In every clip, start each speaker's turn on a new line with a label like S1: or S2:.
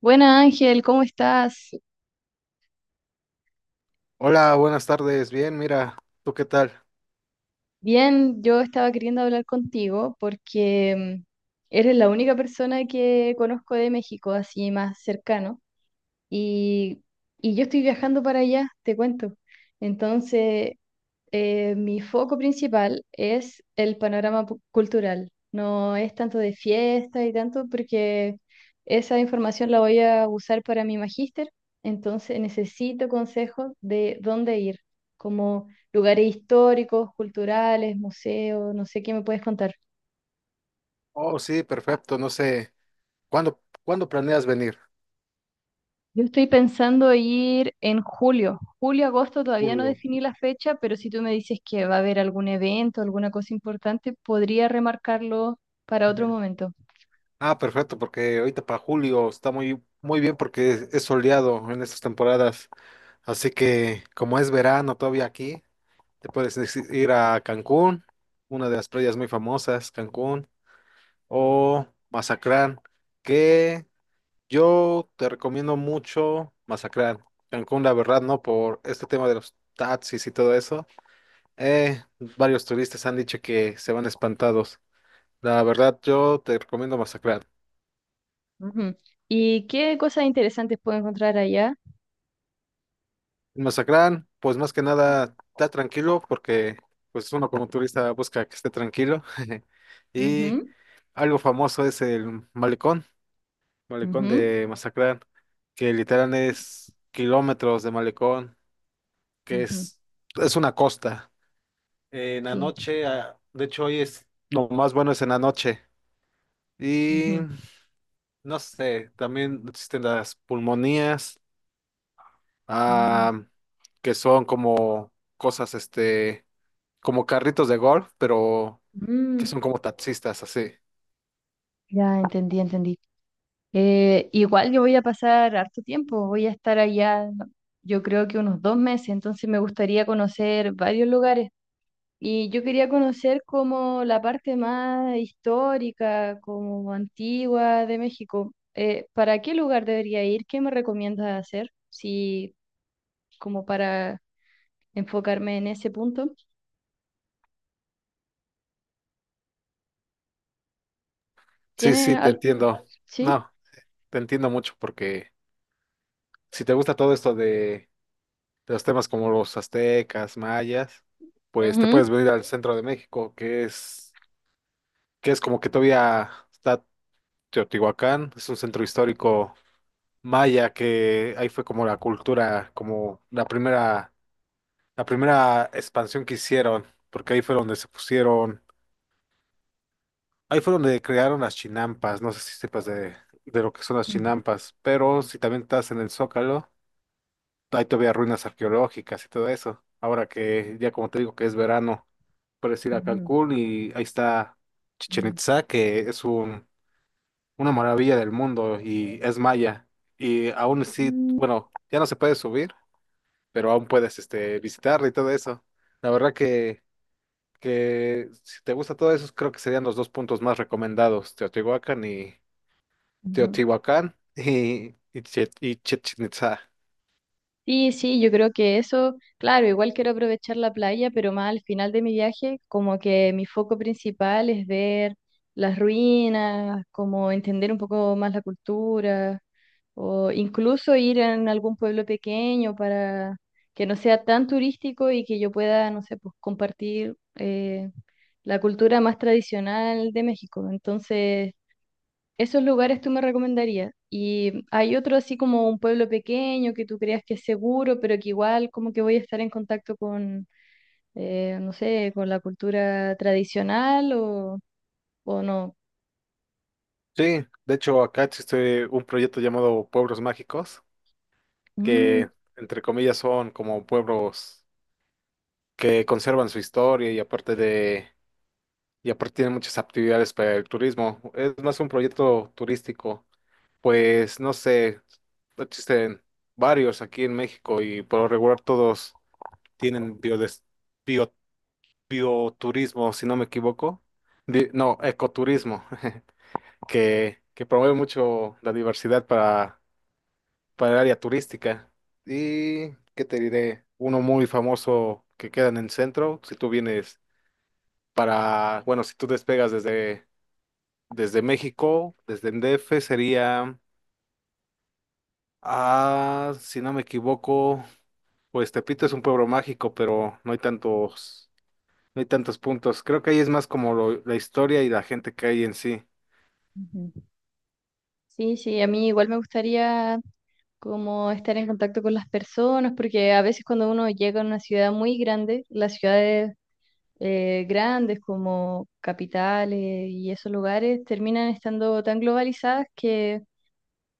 S1: Buenas Ángel, ¿cómo estás?
S2: Hola, buenas tardes. Bien, mira, ¿tú qué tal?
S1: Bien, yo estaba queriendo hablar contigo porque eres la única persona que conozco de México, así más cercano, y, y yo estoy viajando para allá, te cuento. Entonces, mi foco principal es el panorama cultural. No es tanto de fiesta y tanto porque esa información la voy a usar para mi magíster, entonces necesito consejos de dónde ir, como lugares históricos, culturales, museos, no sé qué me puedes contar.
S2: Oh, sí, perfecto. No sé, ¿cuándo planeas venir?
S1: Yo estoy pensando ir en julio. Julio, agosto, todavía no
S2: Julio.
S1: definí la fecha, pero si tú me dices que va a haber algún evento, alguna cosa importante, podría remarcarlo para otro
S2: Ujú.
S1: momento.
S2: Ah, perfecto, porque ahorita para julio está muy, muy bien porque es soleado en estas temporadas. Así que, como es verano todavía aquí, te puedes ir a Cancún, una de las playas muy famosas, Cancún, o Mazatlán, que yo te recomiendo mucho Masacrán, Cancún, la verdad, ¿no? Por este tema de los taxis y todo eso. Eh, varios turistas han dicho que se van espantados. La verdad, yo te recomiendo Masacrán.
S1: Ujú. ¿Y qué cosas interesantes puedo encontrar allá?
S2: En Masacrán, pues más que nada, está tranquilo porque pues uno como turista busca que esté tranquilo. Y
S1: Ujú,
S2: algo famoso es el malecón, malecón
S1: ujú,
S2: de Masacrán, que literal es kilómetros de malecón, que
S1: ujú,
S2: es una costa. En la
S1: sí.
S2: noche, ah, de hecho hoy es, lo más bueno es en la noche. Y
S1: Ujú.
S2: no sé, también existen las pulmonías,
S1: Mm,
S2: ah, que son como cosas, este, como carritos de golf, pero que
S1: mm,
S2: son como taxistas, así.
S1: ya entendí, entendí. Igual yo voy a pasar harto tiempo, voy a estar allá, ¿no? Yo creo que unos dos meses, entonces me gustaría conocer varios lugares. Y yo quería conocer como la parte más histórica, como antigua de México. ¿Para qué lugar debería ir? ¿Qué me recomiendas hacer? Si como para enfocarme en ese punto.
S2: Sí,
S1: ¿Tiene
S2: sí, te
S1: al...
S2: entiendo.
S1: sí?
S2: No, te entiendo mucho porque si te gusta todo esto de los temas como los aztecas, mayas, pues te
S1: Ujú.
S2: puedes venir al centro de México, que es como que todavía está Teotihuacán, es un centro histórico maya que ahí fue como la cultura, como la primera expansión que hicieron, porque ahí fue donde se pusieron, ahí fue donde crearon las chinampas, no sé si sepas de lo que son las
S1: Ujú,
S2: chinampas, pero si también estás en el Zócalo, hay todavía ruinas arqueológicas y todo eso. Ahora que ya como te digo que es verano, puedes ir a
S1: ujú,
S2: Cancún y ahí está Chichen
S1: ujú,
S2: Itzá, que es un una maravilla del mundo y es maya. Y aún sí,
S1: ujú.
S2: bueno, ya no se puede subir, pero aún puedes este, visitarla y todo eso. La verdad que si te gusta todo eso, creo que serían los dos puntos más recomendados, Teotihuacán y
S1: Ujú.
S2: Teotihuacán y Chichén Itzá.
S1: Sí, sí, yo creo que eso, claro, igual quiero aprovechar la playa, pero más al final de mi viaje, como que mi foco principal es ver las ruinas, como entender un poco más la cultura, o incluso ir en algún pueblo pequeño para que no sea tan turístico y que yo pueda, no sé, pues compartir la cultura más tradicional de México. Entonces, esos lugares tú me recomendarías. Y hay otro así como un pueblo pequeño que tú creas que es seguro, pero que igual como que voy a estar en contacto con, no sé, con la cultura tradicional o no.
S2: Sí, de hecho acá existe un proyecto llamado Pueblos Mágicos,
S1: Mm,
S2: que entre comillas son como pueblos que conservan su historia y aparte de y aparte tiene muchas actividades para el turismo. Es más un proyecto turístico. Pues no sé, existen varios aquí en México y por lo regular todos tienen bio- bioturismo, si no me equivoco. No, ecoturismo, que promueve mucho la diversidad para el área turística. Y, ¿qué te diré? Uno muy famoso que queda en el centro, si tú vienes para, bueno, si tú despegas desde desde México, desde el DF sería, ah, si no me equivoco, pues Tepito es un pueblo mágico, pero no hay tantos, no hay tantos puntos. Creo que ahí es más como la historia y la gente que hay en sí.
S1: ujú. Sí, sí, a mí igual me gustaría como estar en contacto con las personas, porque a veces cuando uno llega a una ciudad muy grande, las ciudades grandes como capitales y esos lugares terminan estando tan globalizadas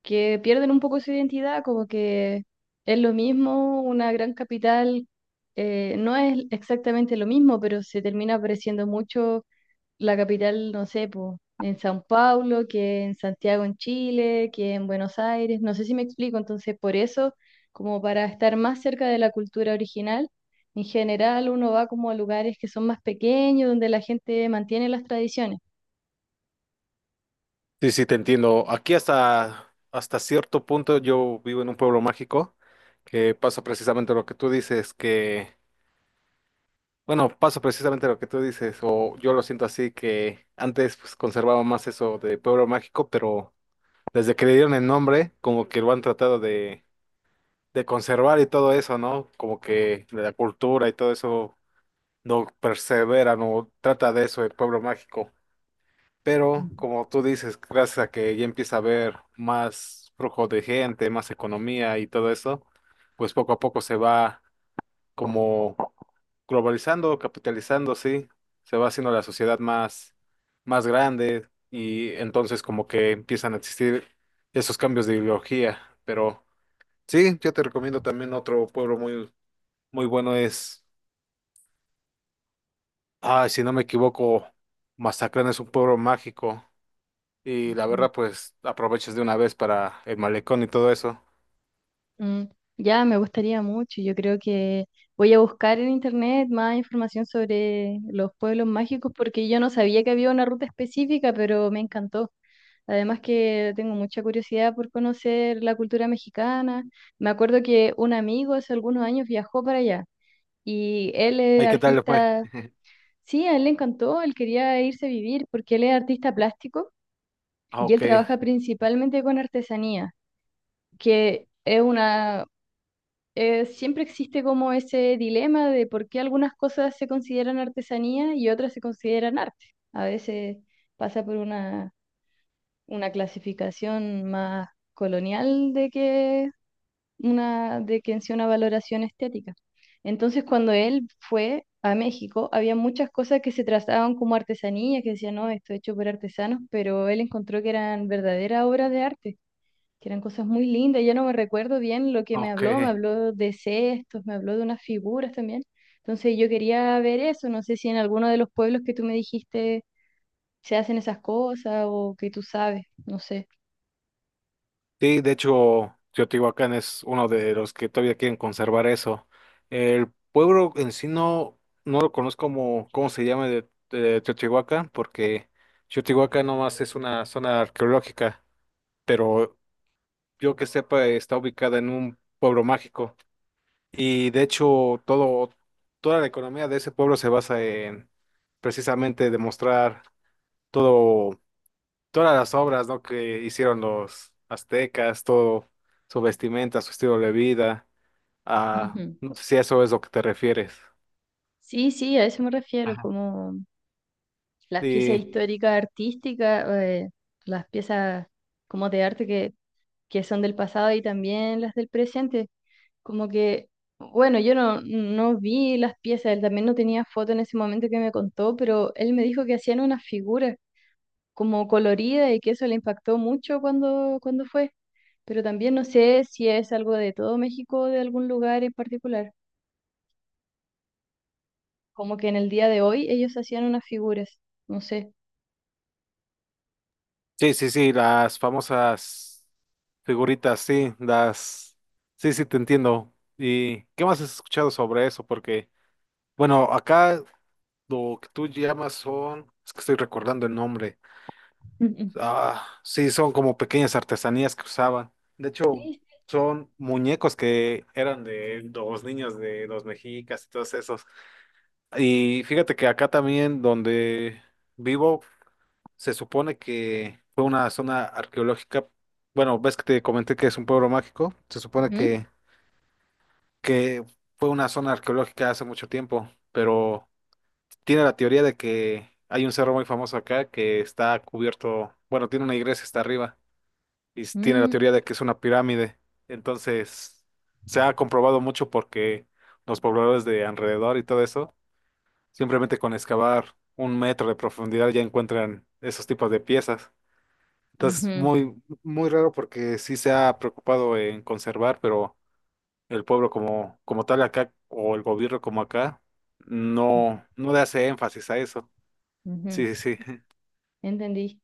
S1: que pierden un poco su identidad, como que es lo mismo, una gran capital no es exactamente lo mismo, pero se termina pareciendo mucho la capital, no sé, po, en San Paulo, que en Santiago en Chile, que en Buenos Aires, no sé si me explico, entonces por eso, como para estar más cerca de la cultura original. En general, uno va como a lugares que son más pequeños, donde la gente mantiene las tradiciones.
S2: Sí, sí, te entiendo. Aquí hasta, hasta cierto punto yo vivo en un pueblo mágico que pasa precisamente lo que tú dices, que, bueno, pasa precisamente lo que tú dices, o yo lo siento así, que antes pues, conservaba más eso de pueblo mágico, pero desde que le dieron el nombre, como que lo han tratado de conservar y todo eso, ¿no? Como que la cultura y todo eso no persevera, no trata de eso el pueblo mágico. Pero, como tú dices, gracias a que ya empieza a haber más flujo de gente, más economía y todo eso, pues poco a poco se va como globalizando, capitalizando, sí, se va haciendo la sociedad más, más grande y entonces como que empiezan a existir esos cambios de ideología. Pero sí, yo te recomiendo también otro pueblo muy, muy bueno es, ay, si no me equivoco, Mazatlán es un pueblo mágico y la verdad pues aprovechas de una vez para el malecón y todo eso.
S1: Mm, ya, me gustaría mucho. Yo creo que voy a buscar en internet más información sobre los pueblos mágicos porque yo no sabía que había una ruta específica, pero me encantó. Además que tengo mucha curiosidad por conocer la cultura mexicana. Me acuerdo que un amigo hace algunos años viajó para allá y él es
S2: Ay, ¿qué tal le fue?
S1: artista, sí, a él le encantó, él quería irse a vivir porque él es artista plástico
S2: Ah,
S1: y él
S2: ok,
S1: trabaja principalmente con artesanía, que es una siempre existe como ese dilema de por qué algunas cosas se consideran artesanía y otras se consideran arte. A veces pasa por una clasificación más colonial de que una, de que en sí una valoración estética. Entonces, cuando él fue a México, había muchas cosas que se trataban como artesanía, que decían, no, esto es hecho por artesanos, pero él encontró que eran verdaderas obras de arte que eran cosas muy lindas. Ya no me recuerdo bien lo que
S2: ok.
S1: me habló de cestos, me habló de unas figuras también. Entonces yo quería ver eso, no sé si en alguno de los pueblos que tú me dijiste se hacen esas cosas o que tú sabes, no sé.
S2: Sí, de hecho, Teotihuacán es uno de los que todavía quieren conservar eso. El pueblo en sí no, no lo conozco como cómo se llama de Teotihuacán, porque Teotihuacán nomás es una zona arqueológica, pero yo que sepa está ubicada en un pueblo mágico. Y de hecho, todo, toda la economía de ese pueblo se basa en precisamente demostrar todo todas las obras, ¿no? Que hicieron los aztecas, todo su vestimenta, su estilo de vida, ah,
S1: Ujú.
S2: no sé si a eso es lo que te refieres.
S1: Sí, sí, a eso me refiero,
S2: Ajá.
S1: como las piezas
S2: Y
S1: históricas artísticas, las piezas como de arte que son del pasado y también las del presente. Como que, bueno, yo no, no vi las piezas, él también no tenía foto en ese momento que me contó, pero él me dijo que hacían una figura como colorida y que eso le impactó mucho cuando, cuando fue. Pero también no sé si es algo de todo México o de algún lugar en particular. Como que en el día de hoy ellos hacían unas figuras, no sé.
S2: sí, sí, sí, las famosas figuritas, sí, las, sí, sí, te entiendo. ¿Y qué más has escuchado sobre eso? Porque, bueno, acá lo que tú llamas son, es que estoy recordando el nombre. Ah, sí, son como pequeñas artesanías que usaban. De hecho,
S1: Sí. Sí.
S2: son muñecos que eran de los niños de los mexicas y todos esos. Y fíjate que acá también donde vivo, se supone que fue una zona arqueológica. Bueno, ves que te comenté que es un pueblo mágico. Se supone
S1: Ujú.
S2: que fue una zona arqueológica hace mucho tiempo, pero tiene la teoría de que hay un cerro muy famoso acá que está cubierto, bueno, tiene una iglesia hasta arriba y tiene la
S1: Mm,
S2: teoría de que es una pirámide. Entonces, se ha comprobado mucho porque los pobladores de alrededor y todo eso, simplemente con excavar un metro de profundidad ya encuentran esos tipos de piezas. Entonces,
S1: ujú,
S2: muy, muy raro porque sí se ha preocupado en conservar, pero el pueblo como, como tal acá, o el gobierno como acá,
S1: ujú,
S2: no, no le hace énfasis a eso.
S1: ujú.
S2: Sí, sí, sí.
S1: Entendí.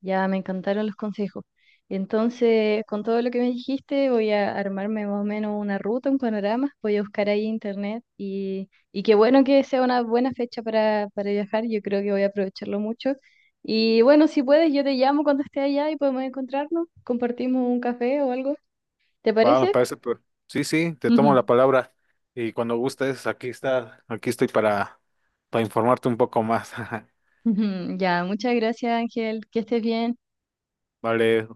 S1: Ya me encantaron los consejos. Entonces, con todo lo que me dijiste, voy a armarme más o menos una ruta, un panorama. Voy a buscar ahí internet y qué bueno que sea una buena fecha para viajar. Yo creo que voy a aprovecharlo mucho. Y bueno, si puedes, yo te llamo cuando esté allá y podemos encontrarnos. Compartimos un café o algo. ¿Te
S2: Va, me
S1: parece?
S2: parece, pero sí, sí, te tomo la palabra y cuando gustes, aquí está, aquí estoy para informarte un poco más.
S1: Ya, muchas gracias, Ángel. Que estés bien.
S2: Vale,